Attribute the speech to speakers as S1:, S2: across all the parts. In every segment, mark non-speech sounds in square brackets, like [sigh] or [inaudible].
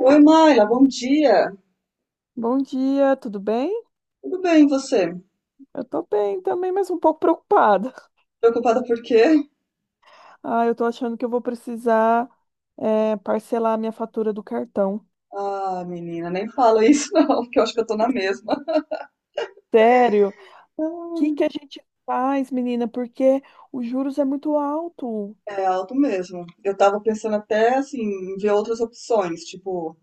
S1: Oi, Mayra, bom dia.
S2: Bom dia, tudo bem?
S1: Tudo bem, e você?
S2: Eu tô bem também, mas um pouco preocupada.
S1: Preocupada por quê?
S2: Ah, eu tô achando que eu vou precisar, parcelar a minha fatura do cartão.
S1: Ah, menina, nem fala isso [laughs] não, porque eu acho que eu tô na mesma.
S2: Sério? O que que
S1: Ah.
S2: a gente faz, menina? Porque os juros é muito alto.
S1: É alto mesmo. Eu tava pensando até, assim, em ver outras opções, tipo,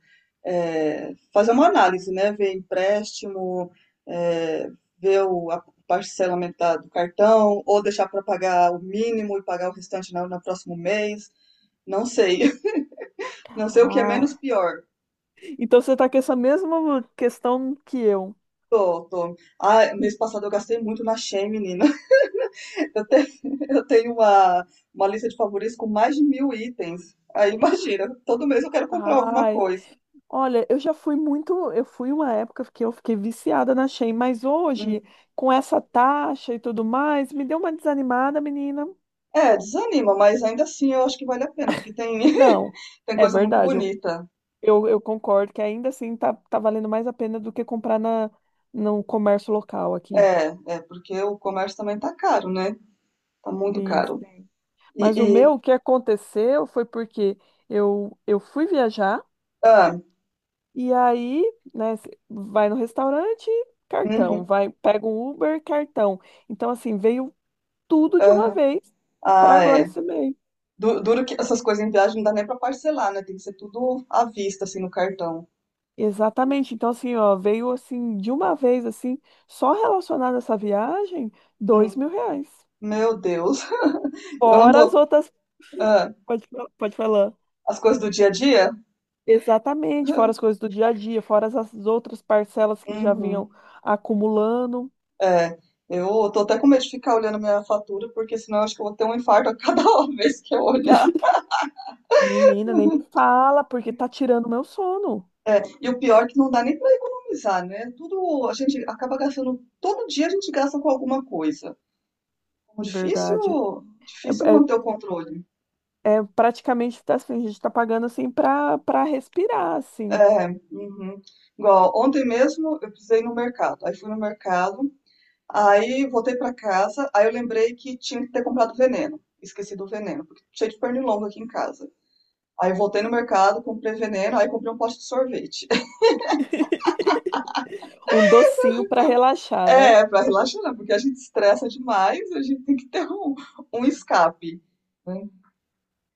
S1: fazer uma análise, né? Ver empréstimo, é, ver o a parcelamento do cartão, ou deixar pra pagar o mínimo e pagar o restante no próximo mês. Não sei. [laughs] Não sei o que é
S2: Ah,
S1: menos pior.
S2: então você tá com essa mesma questão que eu.
S1: Tô, tô. Ah, mês passado eu gastei muito na Shein, menina. Eu tenho, [laughs] eu tenho uma lista de favoritos com mais de 1.000 itens. Aí imagina, todo mês eu quero comprar alguma
S2: Ai,
S1: coisa.
S2: olha, eu fui uma época que eu fiquei viciada na Shein, mas hoje,
S1: Hum.
S2: com essa taxa e tudo mais, me deu uma desanimada, menina.
S1: É, desanima, mas ainda assim eu acho que vale a pena, porque tem,
S2: Não.
S1: [laughs] tem
S2: É
S1: coisa muito
S2: verdade.
S1: bonita.
S2: Eu concordo que ainda assim tá valendo mais a pena do que comprar no comércio local aqui.
S1: É, é, porque o comércio também tá caro, né? Tá muito
S2: Sim,
S1: caro.
S2: sim. Mas o
S1: E,
S2: meu,
S1: e-
S2: o que aconteceu foi porque eu fui viajar
S1: ah,
S2: e aí, né, cê vai no restaurante, cartão,
S1: uhum,
S2: vai, pega um Uber, cartão. Então, assim, veio tudo de uma
S1: aham.
S2: vez para
S1: Ah,
S2: agora
S1: é.
S2: esse mês.
S1: Duro que essas coisas em viagem não dá nem pra parcelar, né? Tem que ser tudo à vista, assim, no cartão.
S2: Exatamente. Então, assim, ó, veio assim, de uma vez, assim, só relacionado a essa viagem, dois
S1: Hum,
S2: mil reais.
S1: Meu Deus. [laughs] Eu não
S2: Fora as
S1: tô.
S2: outras.
S1: Ah,
S2: Pode, pode falar.
S1: as coisas do dia a dia?
S2: Exatamente, fora as
S1: [laughs]
S2: coisas do dia a dia, fora as outras parcelas que já vinham
S1: Uhum.
S2: acumulando.
S1: É, eu tô até com medo de ficar olhando minha fatura, porque senão eu acho que eu vou ter um infarto a cada [laughs] vez que eu olhar.
S2: [laughs] Menina, nem me fala, porque tá tirando meu sono.
S1: E o pior é que não dá nem para economizar, né? Tudo a gente acaba gastando, todo dia a gente gasta com alguma coisa. Então,
S2: Verdade.
S1: difícil
S2: É,
S1: manter o controle.
S2: é praticamente tá assim, a gente tá pagando assim pra respirar, assim.
S1: É, uhum. Igual ontem mesmo eu precisei ir no mercado. Aí fui no mercado, aí voltei para casa, aí eu lembrei que tinha que ter comprado veneno. Esqueci do veneno, porque cheio de pernilongo aqui em casa. Aí eu voltei no mercado, comprei veneno, aí comprei um pote de sorvete. [laughs]
S2: Um docinho pra relaxar, né?
S1: É, pra relaxar, né? Porque a gente estressa demais, a gente tem que ter um escape, né?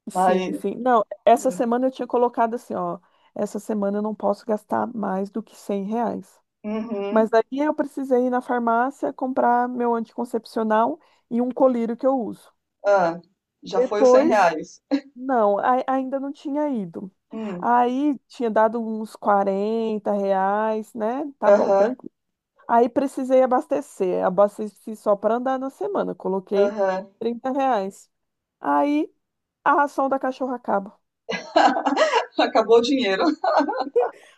S2: Sim,
S1: Mas.
S2: sim. Não, essa semana eu tinha colocado assim, ó, essa semana eu não posso gastar mais do que R$ 100.
S1: Uhum,
S2: Mas aí eu precisei ir na farmácia comprar meu anticoncepcional e um colírio que eu uso.
S1: ah, já foi os 100
S2: Depois,
S1: reais.
S2: não, ainda não tinha ido.
S1: Hum,
S2: Aí tinha dado uns R$ 40, né? Tá bom,
S1: aham,
S2: tranquilo. Aí precisei abastecer. Abasteci só para andar na semana. Coloquei
S1: aham.
S2: R$ 30. Aí a ração da cachorra acaba.
S1: [laughs] Acabou o dinheiro.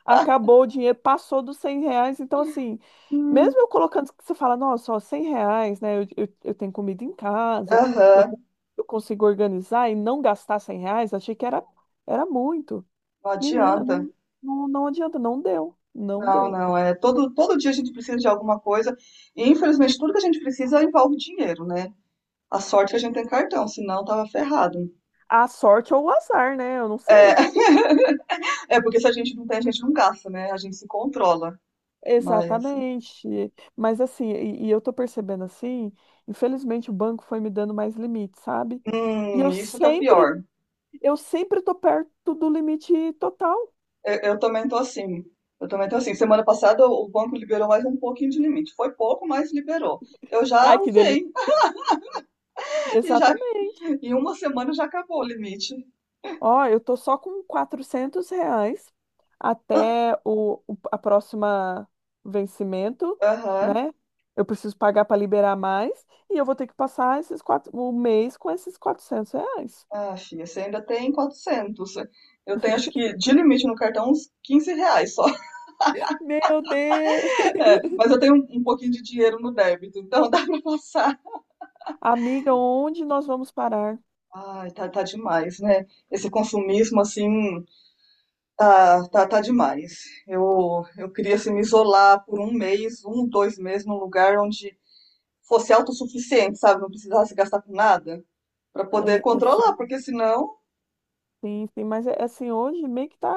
S2: Acabou o dinheiro, passou dos R$ 100. Então, assim,
S1: Hum,
S2: mesmo eu colocando, que você fala, nossa, ó, R$ 100, né? Eu tenho comida em casa, eu,
S1: Aham,
S2: con- eu consigo organizar e não gastar R$ 100, achei que era muito.
S1: não
S2: Menina,
S1: adianta.
S2: não, não, não adianta, não deu, não
S1: Não,
S2: deu.
S1: não, é todo dia a gente precisa de alguma coisa e infelizmente tudo que a gente precisa envolve dinheiro, né? A sorte é que a gente tem cartão, senão tava ferrado.
S2: A sorte ou o azar, né? Eu não
S1: É,
S2: sei.
S1: [laughs] é, porque se a gente não tem, a gente não gasta, né? A gente se controla. Mas,
S2: Exatamente. Mas assim, e eu tô percebendo assim, infelizmente o banco foi me dando mais limites, sabe? E eu
S1: isso que é o
S2: sempre
S1: pior.
S2: Eu sempre tô perto do limite total.
S1: Eu também tô assim. Eu também tô assim. Semana passada o banco liberou mais um pouquinho de limite. Foi pouco, mas liberou. Eu já
S2: Ai, que
S1: usei.
S2: delícia.
S1: [laughs] E já,
S2: Exatamente.
S1: em uma semana já acabou o limite.
S2: Ó, eu tô só com R$ 400
S1: Ah,
S2: até a próxima vencimento,
S1: aham.
S2: né? Eu preciso pagar para liberar mais e eu vou ter que passar o mês com esses R$ 400.
S1: Ah, filha, você ainda tem 400. Eu tenho, acho que, de limite no cartão, uns R$ 15 só. [laughs]
S2: Meu Deus!
S1: É, mas eu tenho um pouquinho de dinheiro no débito, então [laughs] dá pra passar.
S2: Amiga, onde nós vamos parar?
S1: Ai, tá, tá demais, né? Esse consumismo, assim, tá, tá, tá demais. Eu queria, assim, me isolar por um mês, um, 2 meses, num lugar onde fosse autossuficiente, sabe? Não precisasse gastar com nada, pra poder
S2: Ai,
S1: controlar,
S2: assim,
S1: porque senão.
S2: sim, sim, mas é assim, hoje meio que tá,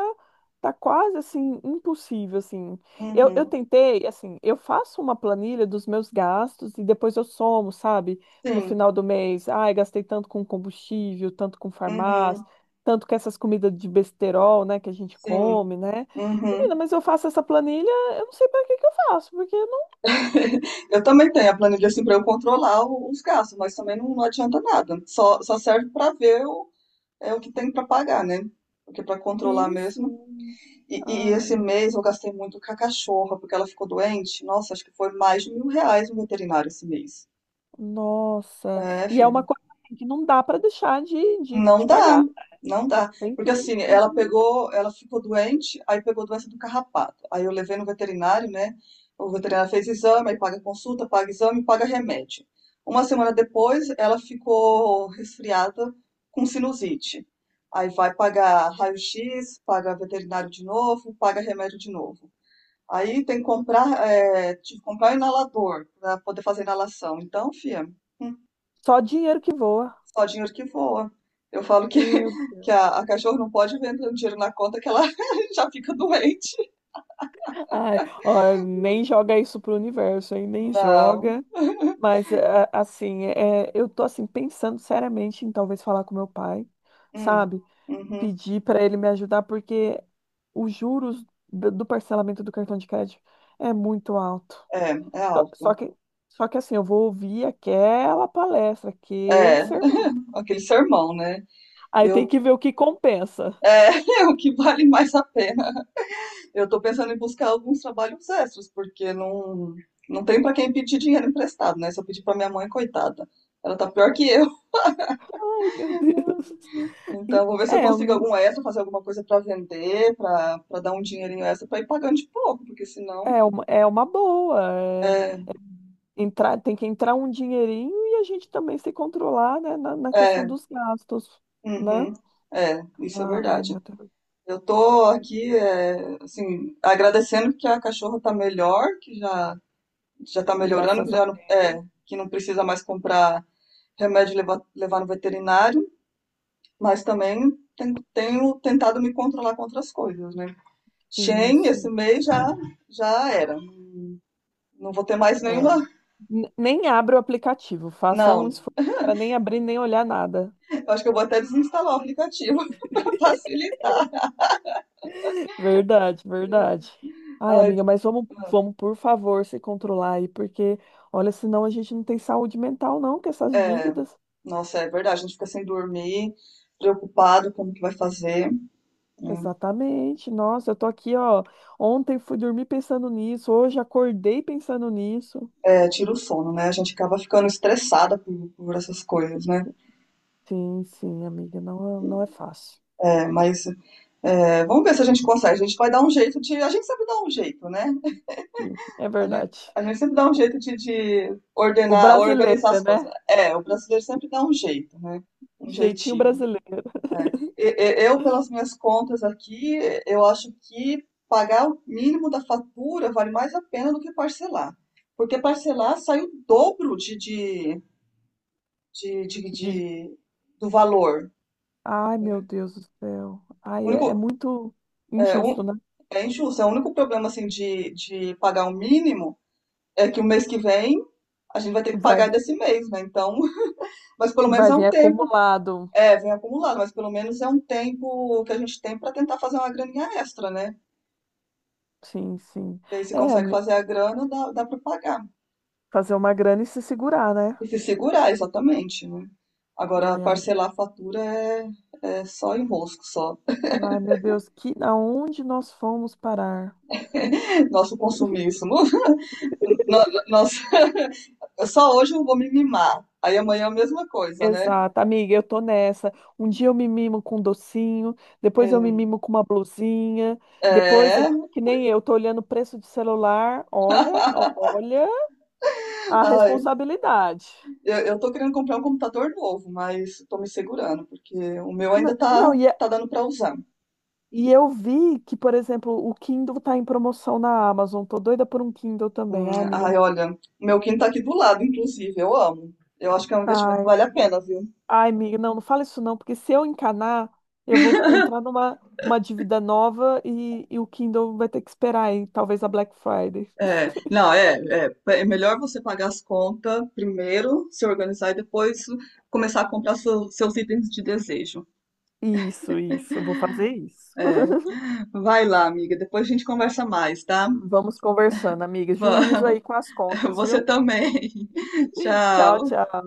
S2: tá quase assim, impossível, assim. Eu
S1: Uhum,
S2: tentei, assim, eu faço uma planilha dos meus gastos e depois eu somo, sabe? No
S1: sim,
S2: final do mês, ai, gastei tanto com combustível, tanto com
S1: uhum,
S2: farmácia, tanto com essas comidas de besterol, né, que a gente
S1: sim,
S2: come, né? Menina,
S1: uhum.
S2: mas eu faço essa planilha, eu não sei para que que eu faço, porque eu não
S1: [laughs] Eu também tenho a planilha, assim, pra eu controlar os gastos, mas também não adianta nada. Só serve pra ver o que tem pra pagar, né? Porque pra controlar
S2: fiz,
S1: mesmo.
S2: sim.
S1: E, e
S2: Ai,
S1: esse mês eu gastei muito com a cachorra, porque ela ficou doente. Nossa, acho que foi mais de R$ 1.000 no veterinário esse mês.
S2: nossa.
S1: É,
S2: E é uma
S1: filho.
S2: coisa assim, que não dá para deixar
S1: Não
S2: de
S1: dá,
S2: pagar.
S1: não dá.
S2: Tem que
S1: Porque
S2: ir,
S1: assim,
S2: tem que ir.
S1: ela ficou doente, aí pegou doença do carrapato. Aí eu levei no veterinário, né? O veterinário fez exame, aí paga consulta, paga exame, paga remédio. Uma semana depois, ela ficou resfriada com sinusite. Aí vai pagar raio-x, paga veterinário de novo, paga remédio de novo. Aí tem que tive que comprar um inalador para poder fazer inalação. Então, fia, hum,
S2: Só dinheiro que voa.
S1: só dinheiro que voa. Eu falo que,
S2: Meu
S1: [laughs] que
S2: Deus.
S1: a cachorro não pode ver entrando dinheiro na conta que ela [laughs] já fica doente.
S2: Ai, ó, nem joga isso pro universo, hein? Nem
S1: Não.
S2: joga. Mas, assim, eu tô, assim, pensando seriamente em talvez falar com meu pai,
S1: Hum,
S2: sabe?
S1: uhum.
S2: Pedir para ele me ajudar, porque os juros do parcelamento do cartão de crédito é muito alto.
S1: É, é
S2: Só
S1: alto.
S2: só que, só que, assim, eu vou ouvir aquela palestra, aquele
S1: É,
S2: sermão.
S1: [laughs] aquele sermão, né?
S2: Aí tem
S1: Eu,
S2: que ver o que compensa.
S1: é, [laughs] é o que vale mais a pena. Eu tô pensando em buscar alguns trabalhos extras, porque não tem para quem pedir dinheiro emprestado, né? Se eu pedir para minha mãe, coitada, ela tá pior que.
S2: Ai, meu Deus. [laughs]
S1: Então, vou ver se eu
S2: É, eu
S1: consigo
S2: não.
S1: algum extra, fazer alguma coisa pra vender, pra dar um dinheirinho extra pra ir pagando de pouco, porque senão.
S2: É uma boa.
S1: É,
S2: Tem que entrar um dinheirinho e a gente também se controlar, né, na questão
S1: é,
S2: dos gastos, né?
S1: uhum, é, isso é
S2: Ai,
S1: verdade.
S2: meu Deus.
S1: Eu tô aqui, assim, agradecendo que a cachorra tá melhor, que já tá melhorando, que
S2: Graças a
S1: já não,
S2: Deus.
S1: que não precisa mais comprar remédio e levar no veterinário, mas também tenho tentado me controlar com outras coisas, né? Shen, esse
S2: Sim,
S1: mês já era. Não vou ter mais
S2: é.
S1: nenhuma.
S2: Nem abra o aplicativo. Faça um
S1: Não.
S2: esforço para nem abrir, nem olhar nada.
S1: Acho que eu vou até desinstalar o aplicativo [laughs] para facilitar.
S2: [laughs] Verdade, verdade. Ai,
S1: Ai,
S2: amiga,
S1: do-
S2: mas vamos, vamos, por favor, se controlar aí, porque, olha, senão a gente não tem saúde mental, não, com essas
S1: é,
S2: dívidas.
S1: Nossa, é verdade, a gente fica sem dormir, preocupado como que vai fazer. Hum.
S2: Exatamente. Nossa, eu tô aqui, ó. Ontem fui dormir pensando nisso, hoje acordei pensando nisso.
S1: É, tira o sono, né? A gente acaba ficando estressada por essas coisas, né?
S2: Sim, sim, amiga, não, não é fácil.
S1: É, mas vamos ver se a gente consegue. A gente vai dar um jeito de. A gente sempre dá um jeito, né?
S2: Sim, é
S1: A gente,
S2: verdade.
S1: a gente sempre dá um jeito de
S2: O
S1: ordenar, organizar
S2: brasileiro,
S1: as coisas.
S2: né?
S1: É, o brasileiro sempre dá um jeito, né? Um
S2: Jeitinho
S1: jeitinho.
S2: brasileiro.
S1: É. Eu, pelas minhas contas aqui, eu acho que pagar o mínimo da fatura vale mais a pena do que parcelar. Porque parcelar sai o dobro de, de-
S2: de-
S1: de- do valor.
S2: Ai,
S1: Né?
S2: meu Deus do céu.
S1: O
S2: Ai,
S1: único,
S2: é muito
S1: é,
S2: injusto,
S1: um-
S2: né?
S1: É injusto. É o único problema assim, de pagar o mínimo é que o mês que vem a gente vai ter que
S2: Vai,
S1: pagar desse mês, né? Então, [laughs] mas pelo menos
S2: vai
S1: é
S2: vir
S1: um tempo.
S2: acumulado.
S1: É, vem acumulado, mas pelo menos é um tempo que a gente tem para tentar fazer uma graninha extra, né?
S2: Sim, sim.
S1: E aí, se
S2: É,
S1: consegue fazer a grana, dá para pagar.
S2: fazer uma grana e se segurar, né?
S1: E se segurar, exatamente, né? Agora,
S2: Ai,
S1: parcelar a fatura é só enrosco, só.
S2: ai, meu Deus, que aonde nós fomos parar?
S1: [laughs] Nosso consumismo. [laughs] Nossa, só hoje eu vou me mimar. Aí amanhã é a mesma coisa, né?
S2: Exato, amiga, eu tô nessa. Um dia eu me mimo com um docinho, depois eu me
S1: Hum.
S2: mimo com uma blusinha, depois, é
S1: É.
S2: que nem eu, tô olhando o preço de celular, olha, olha a
S1: Ai,
S2: responsabilidade.
S1: eu tô querendo comprar um computador novo, mas tô me segurando, porque o meu ainda tá,
S2: Não,
S1: dando pra usar.
S2: e eu vi que, por exemplo, o Kindle tá em promoção na Amazon, tô doida por um Kindle também. Ai, amiga,
S1: Ai, olha, o meu quinto tá aqui do lado, inclusive, eu amo. Eu acho que é um investimento
S2: ai,
S1: que vale a pena, viu?
S2: ai, amiga, não, não fala isso não, porque se eu encanar, eu vou entrar numa uma dívida nova e o Kindle vai ter que esperar aí, talvez a Black Friday.
S1: É, não, é melhor você pagar as contas primeiro, se organizar e depois começar a comprar seus itens de desejo.
S2: Isso, isso. Eu vou fazer isso.
S1: É, vai lá, amiga, depois a gente conversa mais, tá?
S2: Vamos conversando, amiga. Juízo
S1: Va-
S2: aí com as
S1: [laughs]
S2: contas,
S1: Você
S2: viu?
S1: também. [laughs]
S2: Tchau,
S1: Tchau.
S2: tchau.